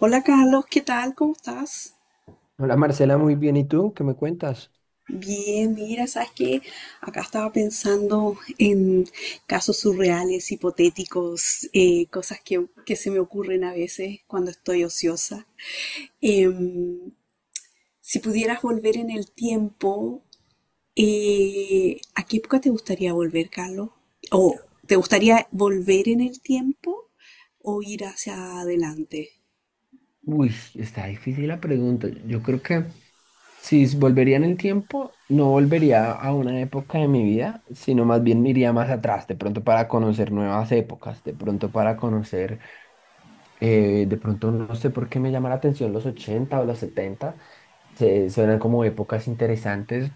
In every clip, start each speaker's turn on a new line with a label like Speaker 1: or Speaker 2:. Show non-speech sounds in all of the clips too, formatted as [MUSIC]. Speaker 1: Hola Carlos, ¿qué tal? ¿Cómo estás?
Speaker 2: Hola Marcela, muy bien. ¿Y tú? ¿Qué me cuentas?
Speaker 1: Bien, mira, sabes que acá estaba pensando en casos surreales, hipotéticos, cosas que se me ocurren a veces cuando estoy ociosa. Em, si pudieras volver en el tiempo, ¿a qué época te gustaría volver, Carlos? ¿O te gustaría volver en el tiempo o ir hacia adelante?
Speaker 2: Uy, está difícil la pregunta. Yo creo que si s- volvería en el tiempo, no volvería a una época de mi vida, sino más bien me iría más atrás, de pronto para conocer nuevas épocas, de pronto para conocer, de pronto no sé por qué me llama la atención los 80 o los 70, suenan como épocas interesantes,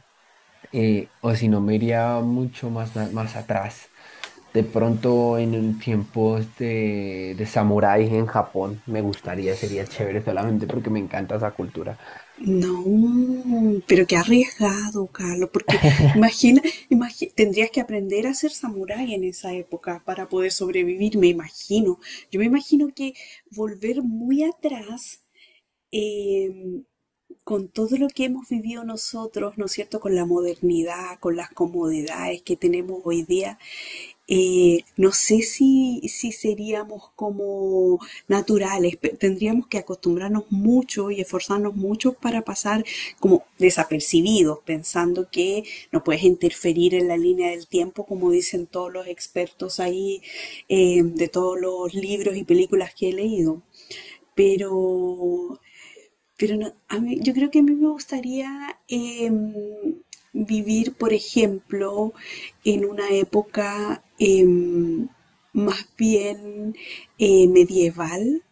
Speaker 2: o si no, me iría mucho más, más atrás. De pronto en un tiempos de samurái en Japón me gustaría, sería chévere solamente porque me encanta esa cultura.
Speaker 1: No, pero qué arriesgado, Carlos, porque
Speaker 2: [LAUGHS]
Speaker 1: imagina, tendrías que aprender a ser samurái en esa época para poder sobrevivir, me imagino. Yo me imagino que volver muy atrás, eh, con todo lo que hemos vivido nosotros, ¿no es cierto?, con la modernidad, con las comodidades que tenemos hoy día, no sé si seríamos como naturales, tendríamos que acostumbrarnos mucho y esforzarnos mucho para pasar como desapercibidos, pensando que no puedes interferir en la línea del tiempo, como dicen todos los expertos ahí, de todos los libros y películas que he leído. Pero pero no, a mí, yo creo que a mí me gustaría vivir, por ejemplo, en una época más bien medieval,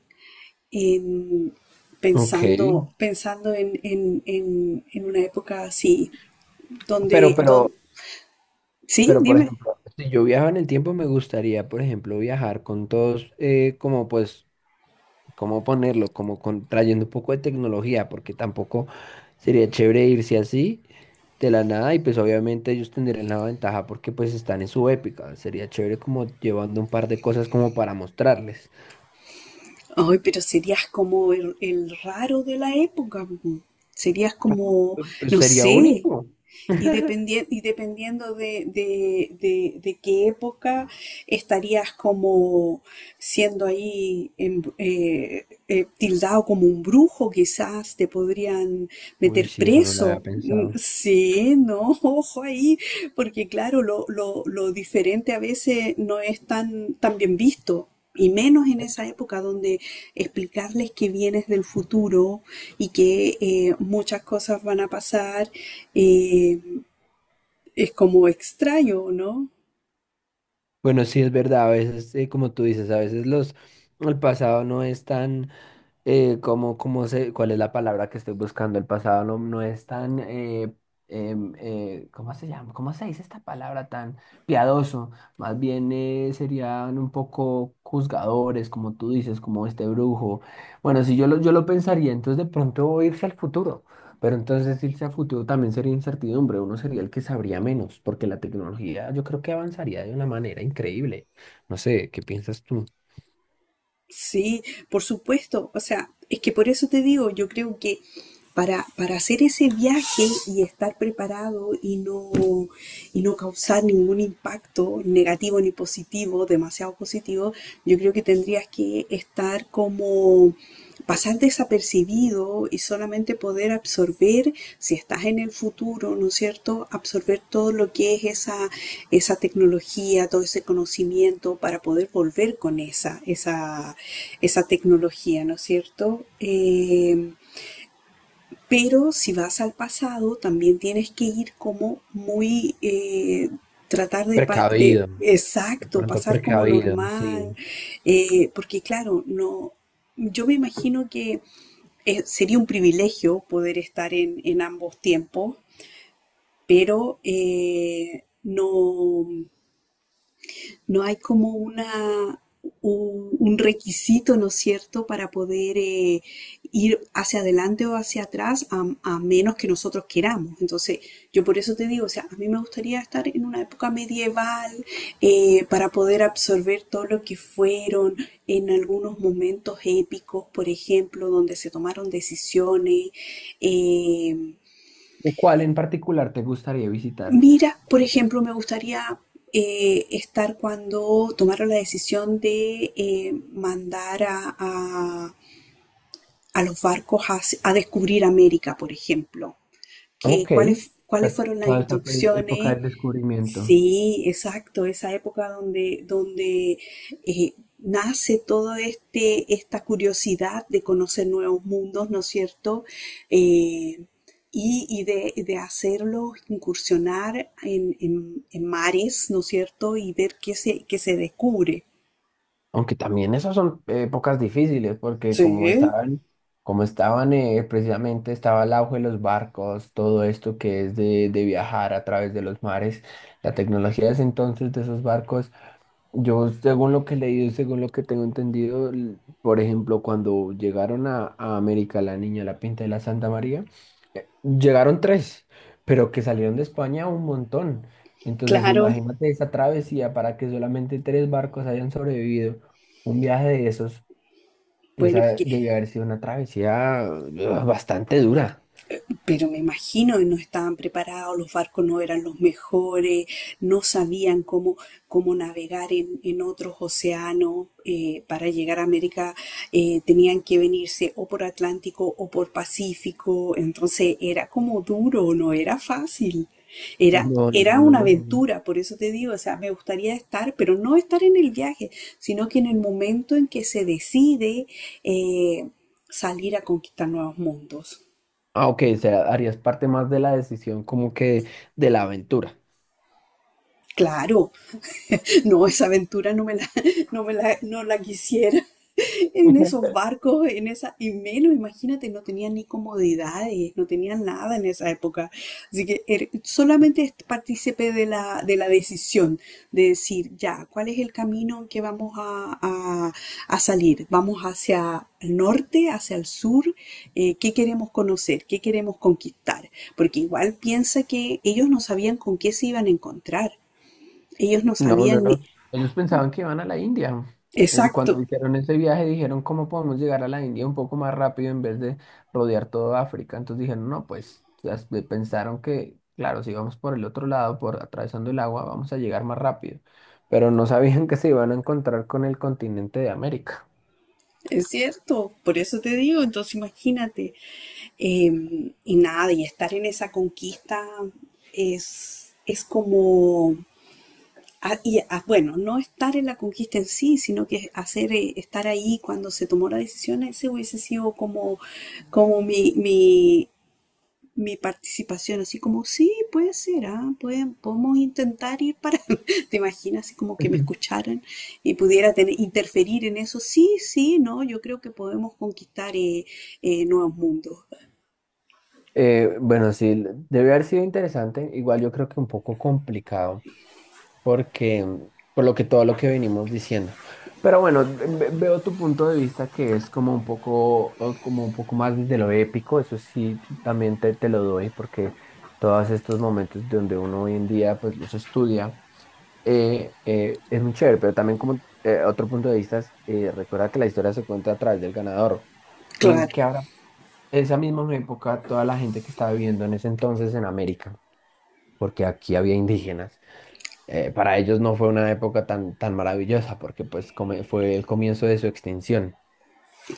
Speaker 1: em,
Speaker 2: Ok,
Speaker 1: pensando en una época así,
Speaker 2: pero,
Speaker 1: donde, don-
Speaker 2: pero,
Speaker 1: sí,
Speaker 2: pero por
Speaker 1: dime.
Speaker 2: ejemplo, si yo viajaba en el tiempo, me gustaría, por ejemplo, viajar con todos, como pues cómo ponerlo, trayendo un poco de tecnología, porque tampoco sería chévere irse así de la nada y pues obviamente ellos tendrían la ventaja porque pues están en su épica. Sería chévere como llevando un par de cosas como para mostrarles.
Speaker 1: Ay, pero serías como el raro de la época. Po. Serías como,
Speaker 2: Pues,
Speaker 1: no
Speaker 2: sería
Speaker 1: sé,
Speaker 2: único.
Speaker 1: y, y dependiendo de qué época estarías como siendo tildado como un brujo, quizás te podrían
Speaker 2: Uy,
Speaker 1: meter
Speaker 2: sí, eso no lo había
Speaker 1: preso. Mm,
Speaker 2: pensado.
Speaker 1: sí, no, [LAUGHS] ojo ahí, porque claro, lo diferente a veces no es tan bien visto. Y menos en esa época donde explicarles que vienes del futuro y que muchas cosas van a pasar, eh, es como extraño, ¿no?
Speaker 2: Bueno, sí es verdad, a veces, como tú dices, el pasado no es tan. ¿Cómo, cuál es la palabra que estoy buscando? El pasado no es tan, ¿cómo se llama? ¿Cómo se dice esta palabra tan piadoso? Más bien, serían un poco juzgadores, como tú dices, como este brujo. Bueno, si yo lo, yo lo pensaría, entonces de pronto irse al futuro, pero entonces irse al futuro también sería incertidumbre, uno sería el que sabría menos, porque la tecnología yo creo que avanzaría de una manera increíble. No sé, ¿qué piensas tú?
Speaker 1: Sí, por supuesto. O sea, es que por eso te digo, yo creo que para hacer ese viaje y estar preparado y no causar ningún impacto negativo ni positivo, demasiado positivo, yo creo que tendrías que estar como pasar desapercibido y solamente poder absorber, si estás en el futuro, ¿no es cierto?, absorber todo lo que es esa tecnología, todo ese conocimiento para poder volver con esa tecnología, ¿no es cierto? Pero si vas al pasado, también tienes que ir como muy... tratar de,
Speaker 2: Precavido. De
Speaker 1: exacto,
Speaker 2: pronto
Speaker 1: pasar como
Speaker 2: precavido,
Speaker 1: normal,
Speaker 2: sí.
Speaker 1: porque claro, no, yo me imagino que sería un privilegio poder estar en ambos tiempos, pero no, no hay como una, un requisito, ¿no es cierto?, para poder ir hacia adelante o hacia atrás a menos que nosotros queramos. Entonces, yo por eso te digo, o sea, a mí me gustaría estar en una época medieval para poder absorber todo lo que fueron en algunos momentos épicos, por ejemplo, donde se tomaron decisiones. Eh,
Speaker 2: ¿Cuál en particular te gustaría visitar?
Speaker 1: mira, por ejemplo, me gustaría estar cuando tomaron la decisión de mandar a los barcos a descubrir América, por ejemplo. Que,
Speaker 2: Ok.
Speaker 1: ¿ cuáles fueron las
Speaker 2: Toda esta época
Speaker 1: instrucciones?
Speaker 2: del descubrimiento.
Speaker 1: Sí, exacto, esa época donde nace todo este, esta curiosidad de conocer nuevos mundos, ¿no es cierto? Eh, y de hacerlo, incursionar en mares, ¿no es cierto? Y ver qué se descubre.
Speaker 2: Aunque también esas son épocas difíciles, porque
Speaker 1: Sí,
Speaker 2: como estaban, precisamente, estaba el auge de los barcos, todo esto que es de viajar a través de los mares, la tecnología de ese entonces de esos barcos, yo según lo que he leído, según lo que tengo entendido, por ejemplo, cuando llegaron a América, la Niña, la Pinta de la Santa María. Llegaron tres, pero que salieron de España un montón. Entonces,
Speaker 1: claro,
Speaker 2: imagínate esa travesía para que solamente tres barcos hayan sobrevivido. Un viaje de esos,
Speaker 1: bueno,
Speaker 2: esa
Speaker 1: porque
Speaker 2: debió haber sido una travesía, ugh, bastante dura.
Speaker 1: pero me imagino que no estaban preparados, los barcos no eran los mejores, no sabían cómo, cómo navegar en otros océanos para llegar a América. Eh, tenían que venirse o por Atlántico o por Pacífico, entonces era como duro, no era fácil.
Speaker 2: No, no
Speaker 1: Era
Speaker 2: me lo
Speaker 1: una
Speaker 2: imagino.
Speaker 1: aventura, por eso te digo, o sea, me gustaría estar, pero no estar en el viaje, sino que en el momento en que se decide eh, salir a conquistar nuevos mundos.
Speaker 2: Ah, ok, o sea, harías parte más de la decisión, como que de la aventura.
Speaker 1: Claro, [LAUGHS] no, esa aventura no me la, [LAUGHS] no me la, no la quisiera. En esos barcos, en esa, y menos, imagínate, no tenían ni comodidades, no tenían nada en esa época. Así que er- solamente es partícipe de de la decisión, de decir, ya, ¿cuál es el camino en que vamos a salir? ¿Vamos hacia el norte, hacia el sur? ¿Qué queremos conocer? ¿Qué queremos conquistar? Porque igual piensa que ellos no sabían con qué se iban a encontrar. Ellos no
Speaker 2: No, no,
Speaker 1: sabían
Speaker 2: no.
Speaker 1: ni-
Speaker 2: Ellos pensaban que iban a la India. Ellos cuando
Speaker 1: Exacto,
Speaker 2: hicieron ese viaje dijeron cómo podemos llegar a la India un poco más rápido en vez de rodear toda África. Entonces dijeron, no, pues pensaron que, claro, si vamos por el otro lado, por atravesando el agua, vamos a llegar más rápido. Pero no sabían que se iban a encontrar con el continente de América.
Speaker 1: es cierto, por eso te digo, entonces imagínate, eh, y nada, y estar en esa conquista es como, ah, y, ah, bueno, no estar en la conquista en sí, sino que hacer, estar ahí cuando se tomó la decisión, ese hubiese sido como, como mi participación, así como, sí, puede ser, ah, pueden, podemos intentar ir para, [LAUGHS] ¿te imaginas? Así como que me
Speaker 2: [LAUGHS]
Speaker 1: escucharan y pudiera tener, interferir en eso. Sí, sí, no, yo creo que podemos conquistar nuevos mundos.
Speaker 2: Bueno, sí, debe haber sido interesante. Igual yo creo que un poco complicado, porque por lo que todo lo que venimos diciendo. Pero bueno, veo tu punto de vista que es como un poco más de lo épico, eso sí, también te lo doy, porque todos estos momentos donde uno hoy en día pues los estudia, es muy chévere, pero también como, otro punto de vista, es, recuerda que la historia se cuenta a través del ganador. Entonces,
Speaker 1: Claro,
Speaker 2: que ahora, esa misma época, toda la gente que estaba viviendo en ese entonces en América, porque aquí había indígenas, para ellos no fue una época tan, tan maravillosa porque pues fue el comienzo de su extinción.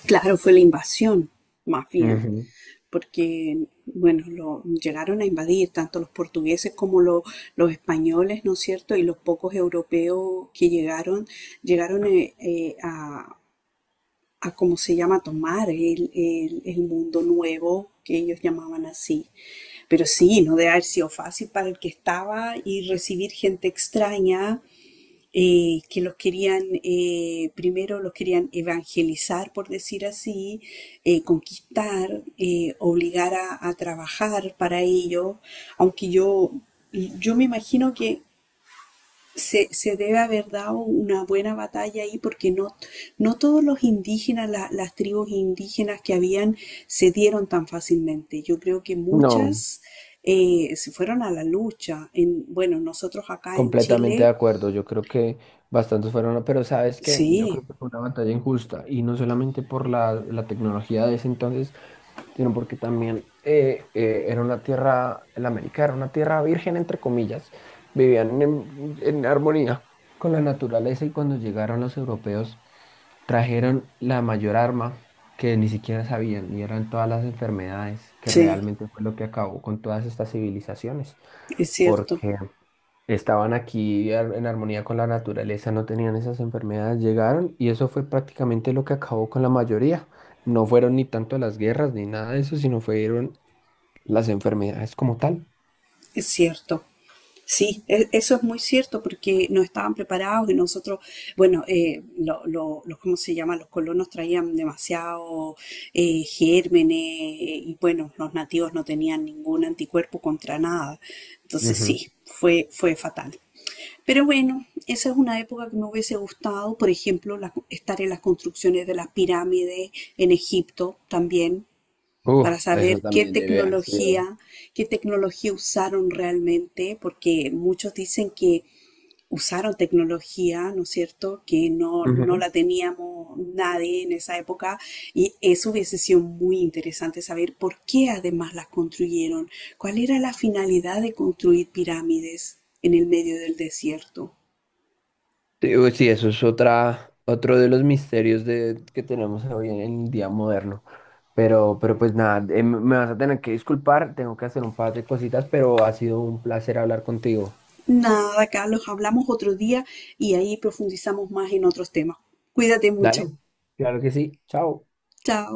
Speaker 1: claro, fue la invasión, más bien,
Speaker 2: Ujú.
Speaker 1: porque, bueno, lo, llegaron a invadir tanto los portugueses como lo- los españoles, ¿no es cierto? Y los pocos europeos que llegaron, llegaron a cómo se llama, tomar el, el mundo nuevo que ellos llamaban así. Pero sí, no debe haber sido fácil para el que estaba y recibir gente extraña que los querían, primero los querían evangelizar, por decir así, conquistar, obligar a trabajar para ellos aunque yo me imagino que se debe haber dado una buena batalla ahí porque no, no todos los indígenas, las tribus indígenas que habían, se dieron tan fácilmente. Yo creo que
Speaker 2: No,
Speaker 1: muchas se fueron a la lucha. En, bueno, nosotros acá en
Speaker 2: completamente de
Speaker 1: Chile,
Speaker 2: acuerdo, yo creo que bastantes fueron, ¿no? Pero sabes que yo
Speaker 1: sí,
Speaker 2: creo que fue una batalla injusta y no solamente por la tecnología de ese entonces, sino porque también, era una tierra, la América era una tierra virgen, entre comillas, vivían en armonía con la naturaleza y cuando llegaron los europeos trajeron la mayor arma que ni siquiera sabían, y eran todas las enfermedades que
Speaker 1: sí,
Speaker 2: realmente fue lo que acabó con todas estas civilizaciones,
Speaker 1: es cierto,
Speaker 2: porque estaban aquí en armonía con la naturaleza, no tenían esas enfermedades, llegaron y eso fue prácticamente lo que acabó con la mayoría. No fueron ni tanto las guerras ni nada de eso, sino fueron las enfermedades como tal.
Speaker 1: es cierto. Sí, e- eso es muy cierto porque no estaban preparados y nosotros, bueno, los, ¿cómo se llama? Los colonos traían demasiado gérmenes y bueno, los nativos no tenían ningún anticuerpo contra nada. Entonces
Speaker 2: Ujú.
Speaker 1: sí, fue fatal. Pero bueno, esa es una época que me hubiese gustado, por ejemplo, la- estar en las construcciones de las pirámides en Egipto también, para
Speaker 2: Eso
Speaker 1: saber
Speaker 2: también debe haber sido.
Speaker 1: qué tecnología usaron realmente, porque muchos dicen que usaron tecnología, ¿no es cierto?, que no, no
Speaker 2: Ujú.
Speaker 1: la teníamos nadie en esa época y eso hubiese sido muy interesante saber por qué además las construyeron, cuál era la finalidad de construir pirámides en el medio del desierto.
Speaker 2: Sí, uy, sí, eso es otra, otro de los misterios de, que tenemos hoy en el día moderno. Pero pues nada, me vas a tener que disculpar, tengo que hacer un par de cositas, pero ha sido un placer hablar contigo.
Speaker 1: Nada, Carlos, hablamos otro día y ahí profundizamos más en otros temas. Cuídate mucho.
Speaker 2: Dale, claro que sí, chao.
Speaker 1: Chao.